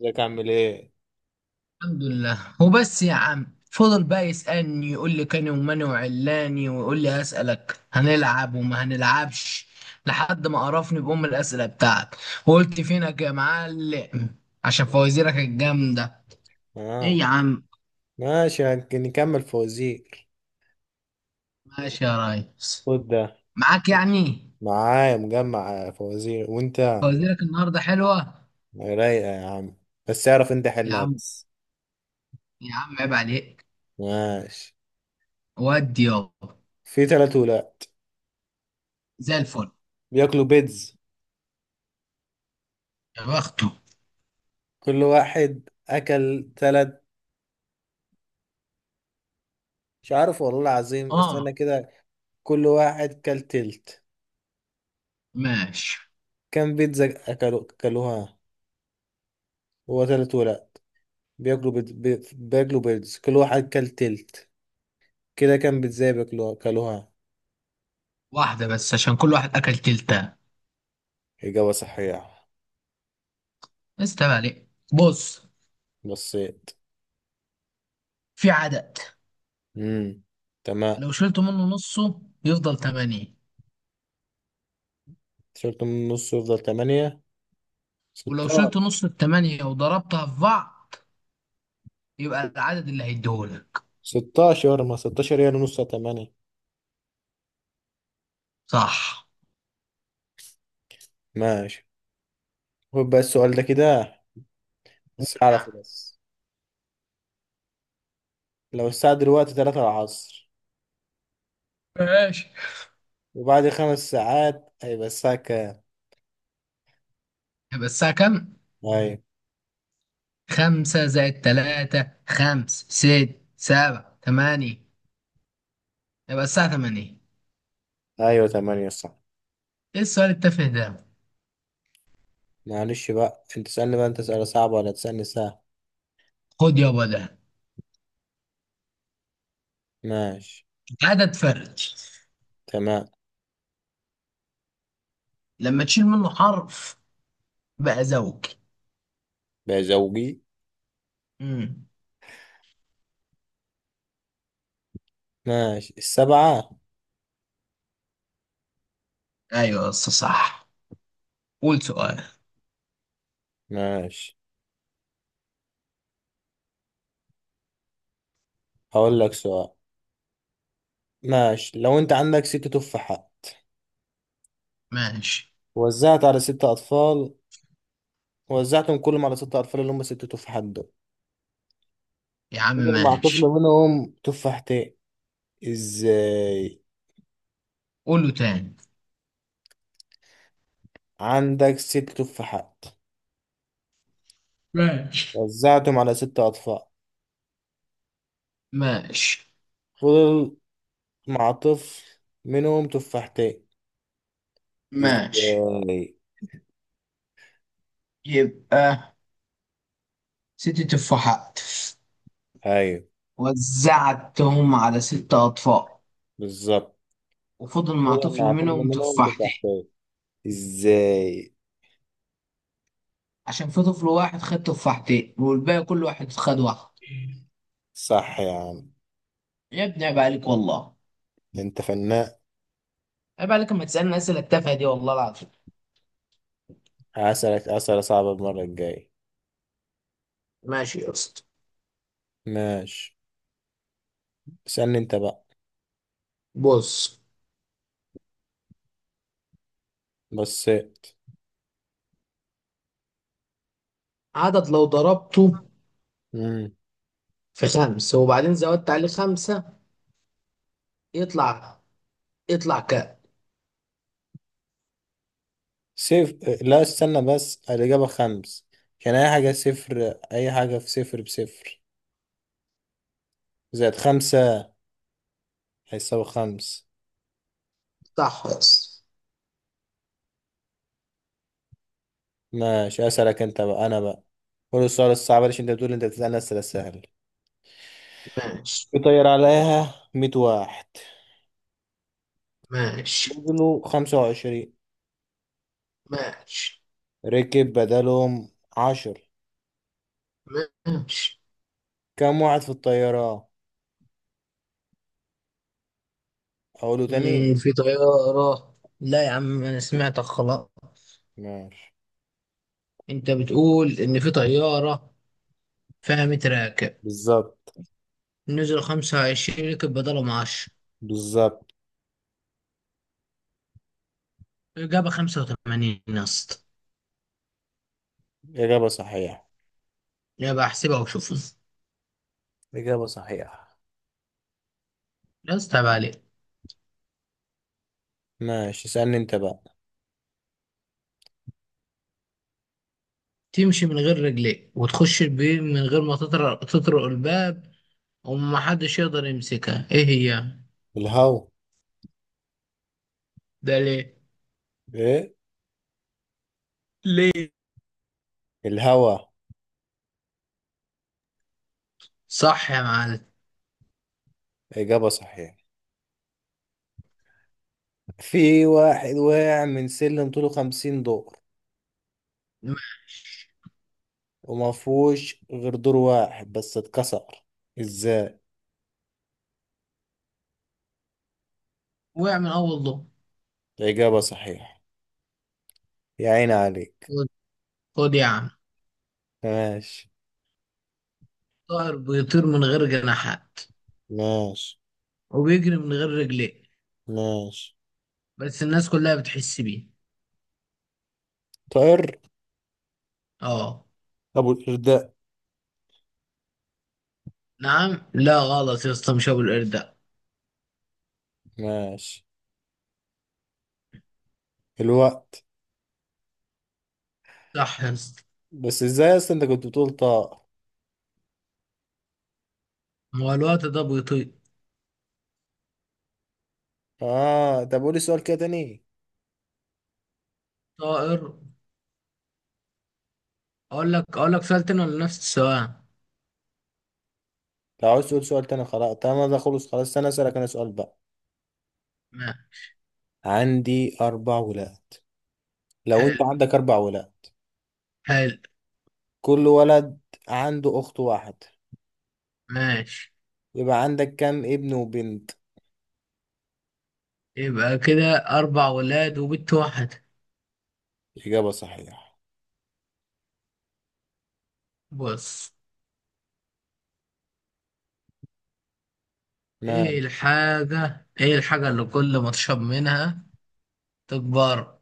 ازيك، عامل ايه؟ الحمد لله، وبس يا عم. فضل بقى يسألني، يقول لي كاني وماني وعلاني، ويقول لي أسألك هنلعب وما هنلعبش، لحد ما قرفني بأم الأسئلة بتاعك. وقلت فينك يا معلم عشان فوازيرك الجامدة. إيه اه. يا عم؟ ماشي، نكمل فوازير. ماشي يا ريس. خد ده. معاك يعني. معايا مجمع فوازير، وانت فوازيرك النهاردة حلوة. رايقة يا عم. بس اعرف انت يا حلها عم، بس. يا عم عيب عليك. ماشي، ودي يابا. في تلات ولاد زي الفل. بياكلوا بيتز، يا بخته. كل واحد اكل تلات. مش عارف والله العظيم، اه. استنى كده. كل واحد كل تلت. ماشي. كم بيتزا اكلوا اكلوها؟ هو تلات ولاد بياكلوا بيتز بياكلوا بيتز، كل واحد كل تلت، كده كم بيتزا بياكلوها اكلوها؟ واحدة بس، عشان كل واحد أكل تلتة. إجابة صحيحة. استنى عليك، بص. بصيت. في عدد، امم تمام. لو شلت منه نصه يفضل تمانية، تيشيرت من النص يفضل تمانية. ولو ستاشر. شلت نص التمانية وضربتها في بعض يبقى العدد اللي هيديهولك. ستاشر، ما ستاشر هي نص تمانية. صح. ماشي. خد بقى السؤال ده كده. قول بس يا عم. أعرفه بس. لو الساعة دلوقتي تلاتة العصر، ماشي. وبعد خمس ساعات هيبقى الساعة كام؟ يبقى الساعة كام؟ أيوة. خمسة زائد تلاتة، خمس، ست، سبعة، تمانية. يبقى الساعة تمانية. أيوة تمانية صح. ايه السؤال التافه ده؟ معلش بقى، أنت تسألني بقى أنت سؤال صعب ولا تسألني سهل. خد يابا ده. ماشي. عدد فردي، تمام. لما تشيل منه حرف بقى زوجي. بقى زوجي. امم ماشي السبعة. ايوه يا اسطى، صح. قول سؤال. ماشي، هقول لك سؤال. ماشي، لو انت عندك ست تفاحات، ماشي وزعت على ست اطفال، وزعتهم كلهم على ست اطفال اللي هم ست تفاحات دول، يا عم. فضل مع طفل ماشي. منهم تفاحتين. ازاي؟ قوله تاني. عندك ست تفاحات، ماشي. وزعتهم على ست اطفال، ماشي. فضل مع طفل منهم تفاحتين. ماشي. ازاي؟ يبقى ست تفاحات، ايوه وزعتهم على ست أطفال، بالظبط. وفضل مع فضل طفل مع طفل منهم منهم تفاحتين. تفاحتين. ازاي؟ عشان في طفل واحد خد تفاحتين، والباقي كل واحد خد واحد. صح يا عم. يا ابني عيب عليك والله. انت فنان. عيب عليك لما تسألني أسئلة التافهة دي، والله العظيم. هسألك اسئله صعبه المره الجايه. ماشي يا اسطى. ماشي. استنى انت بقى. بص. بصيت. عدد لو ضربته امم في خمسة، وبعدين زودت عليه خمسة، يطلع يطلع كام؟ صفر. لا استنى بس، الإجابة خمس. كان أي حاجة، صفر أي حاجة في صفر بصفر، زائد خمسة، هيساوي خمس. يطلع خمس. ماشي، أسألك أنت بقى أنا بقى. قول السؤال الصعب، عشان أنت بتقول أنت بتسألني أسئلة سهلة. ماشي. يطير عليها مية واحد، ماشي. وزنه خمسة وعشرين، ماشي. ركب بدلهم عشر. ماشي. كم واحد في الطيارة؟ أقوله تاني. في طيارة، لا يا عم أنا سمعتك خلاص. ماشي. أنت بتقول إن في طيارة فيها 100 راكب، بالظبط. نزلوا 25، ركب بدلهم 10. بالظبط. إجابة 85 يا اسطى. إجابة صحيحة. يبقى أحسبها وشوفها. إجابة صحيحة. يا اسطى عيب عليك. ماشي، اسألني انت بقى. تمشي من غير رجليك، وتخش البيت من غير ما تطرق تطرق الباب، ومحدش يقدر يمسكها، إيه هي؟ الهوا. ده ليه؟ ايه؟ ليه؟ الهوا. صح يا معلم. إجابة صحيحة. في واحد وقع من سلم طوله خمسين دور، وما فيهوش غير دور واحد بس اتكسر. ازاي؟ وقع من أول ضوء. إجابة صحيحة. يا عيني عليك. خد خد يا عم. ماشي. طائر بيطير من غير جناحات، ماشي. وبيجري من غير رجلين، ماشي. بس الناس كلها بتحس بيه. طائر. اه. أبو الإرداء. نعم؟ لا، غلط يا اسطى، مش ابو القرد ده. ماشي. الوقت. صح يا اسطى. بس ازاي أصلا انت كنت بتقول طائر؟ هو الوقت ده بيطير. اه. طب قولي سؤال كده تاني. طائر. اقول لك سؤال تاني ولا نفس السؤال؟ لو عايز تقول سؤال تاني خلاص، تمام ده خلص خلاص، انا اسألك انا سؤال بقى. ما عندي أربع ولاد. لو حلو. أنت عندك أربع ولاد، حلو. كل ولد عنده أخت واحد، ماشي. يبقى عندك كام ابن وبنت؟ يبقى كده اربع ولاد وبنت واحدة. إجابة صحيحة. بص. ماشي. ايه الحاجة اللي كل ما تشرب منها تكبر؟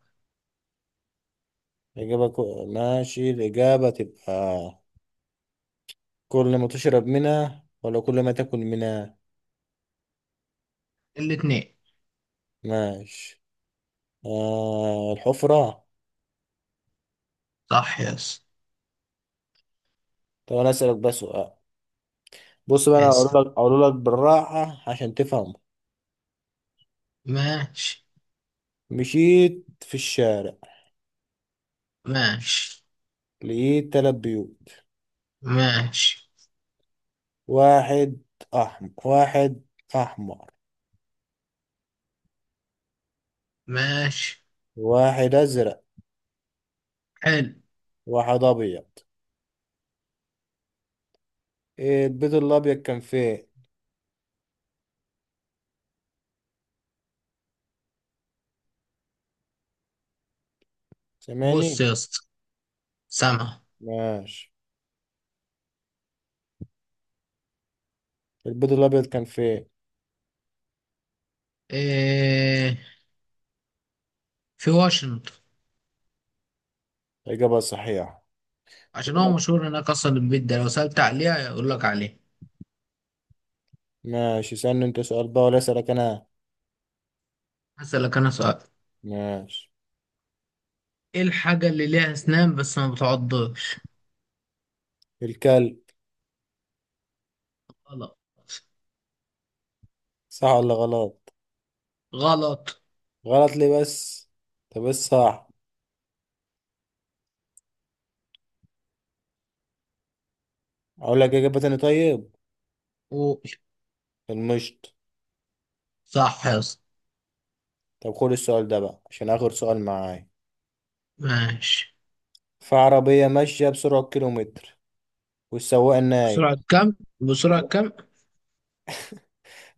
إجابة كو... ماشي، الإجابة تبقى، كل ما تشرب منها ولا كل ما تاكل منها؟ الاتنين. ماشي. آه، الحفرة. صح يا اسطى. طب أنا أسألك بس سؤال. بص بقى، يا أنا اسطى. هقول لك بالراحة عشان تفهم. ماشي. مشيت في الشارع، ماشي. لقيت تلات بيوت. ماشي. واحد واحد أحمر، ماشي. واحد ازرق، حلو. واحد ابيض. إيه البيض الابيض كان فين؟ بص سامعني؟ يا اسطى. سامع. ماشي. البيض الابيض كان فين؟ إيه؟ في واشنطن. اجابه صحيحه. عشان تقول هو لك. مشهور هناك اصلا، البيت ده لو سألت عليها يقول لك عليه. ماشي، سألني انت سؤال بقى ولا اسالك انا. هسألك انا سؤال. ماشي. ايه الحاجة اللي ليها اسنان بس ما بتعضش؟ الكلب. غلط. صح ولا غلط؟ غلط. غلط ليه بس؟ طب بس صح. اقول لك اجابه تاني طيب؟ قول. المشط. صح يا اسطى. طب خد السؤال ده بقى، عشان اخر سؤال معايا. ماشي. في عربيه ماشيه بسرعه كيلومتر، والسواق نايم. بسرعة كم بسرعة كم؟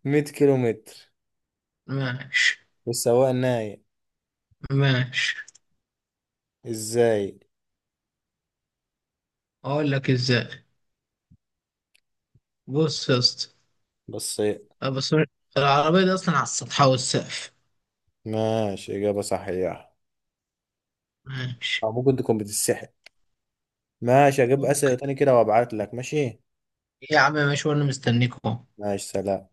100 كيلومتر، ماشي. والسواق نايم. ماشي. ازاي؟ اقول لك ازاي. بص يا اسطى. بس. بس. العربية دي اصلا على السطح والسقف. ماشي، إجابة صحيحة. ماشي. أو ممكن تكون بتتسحب. ماشي، أجيب ممكن. أسئلة تاني كده وأبعت لك، ماشي؟ يا عم ماشي، وانا مستنيكم. ماشي، سلام.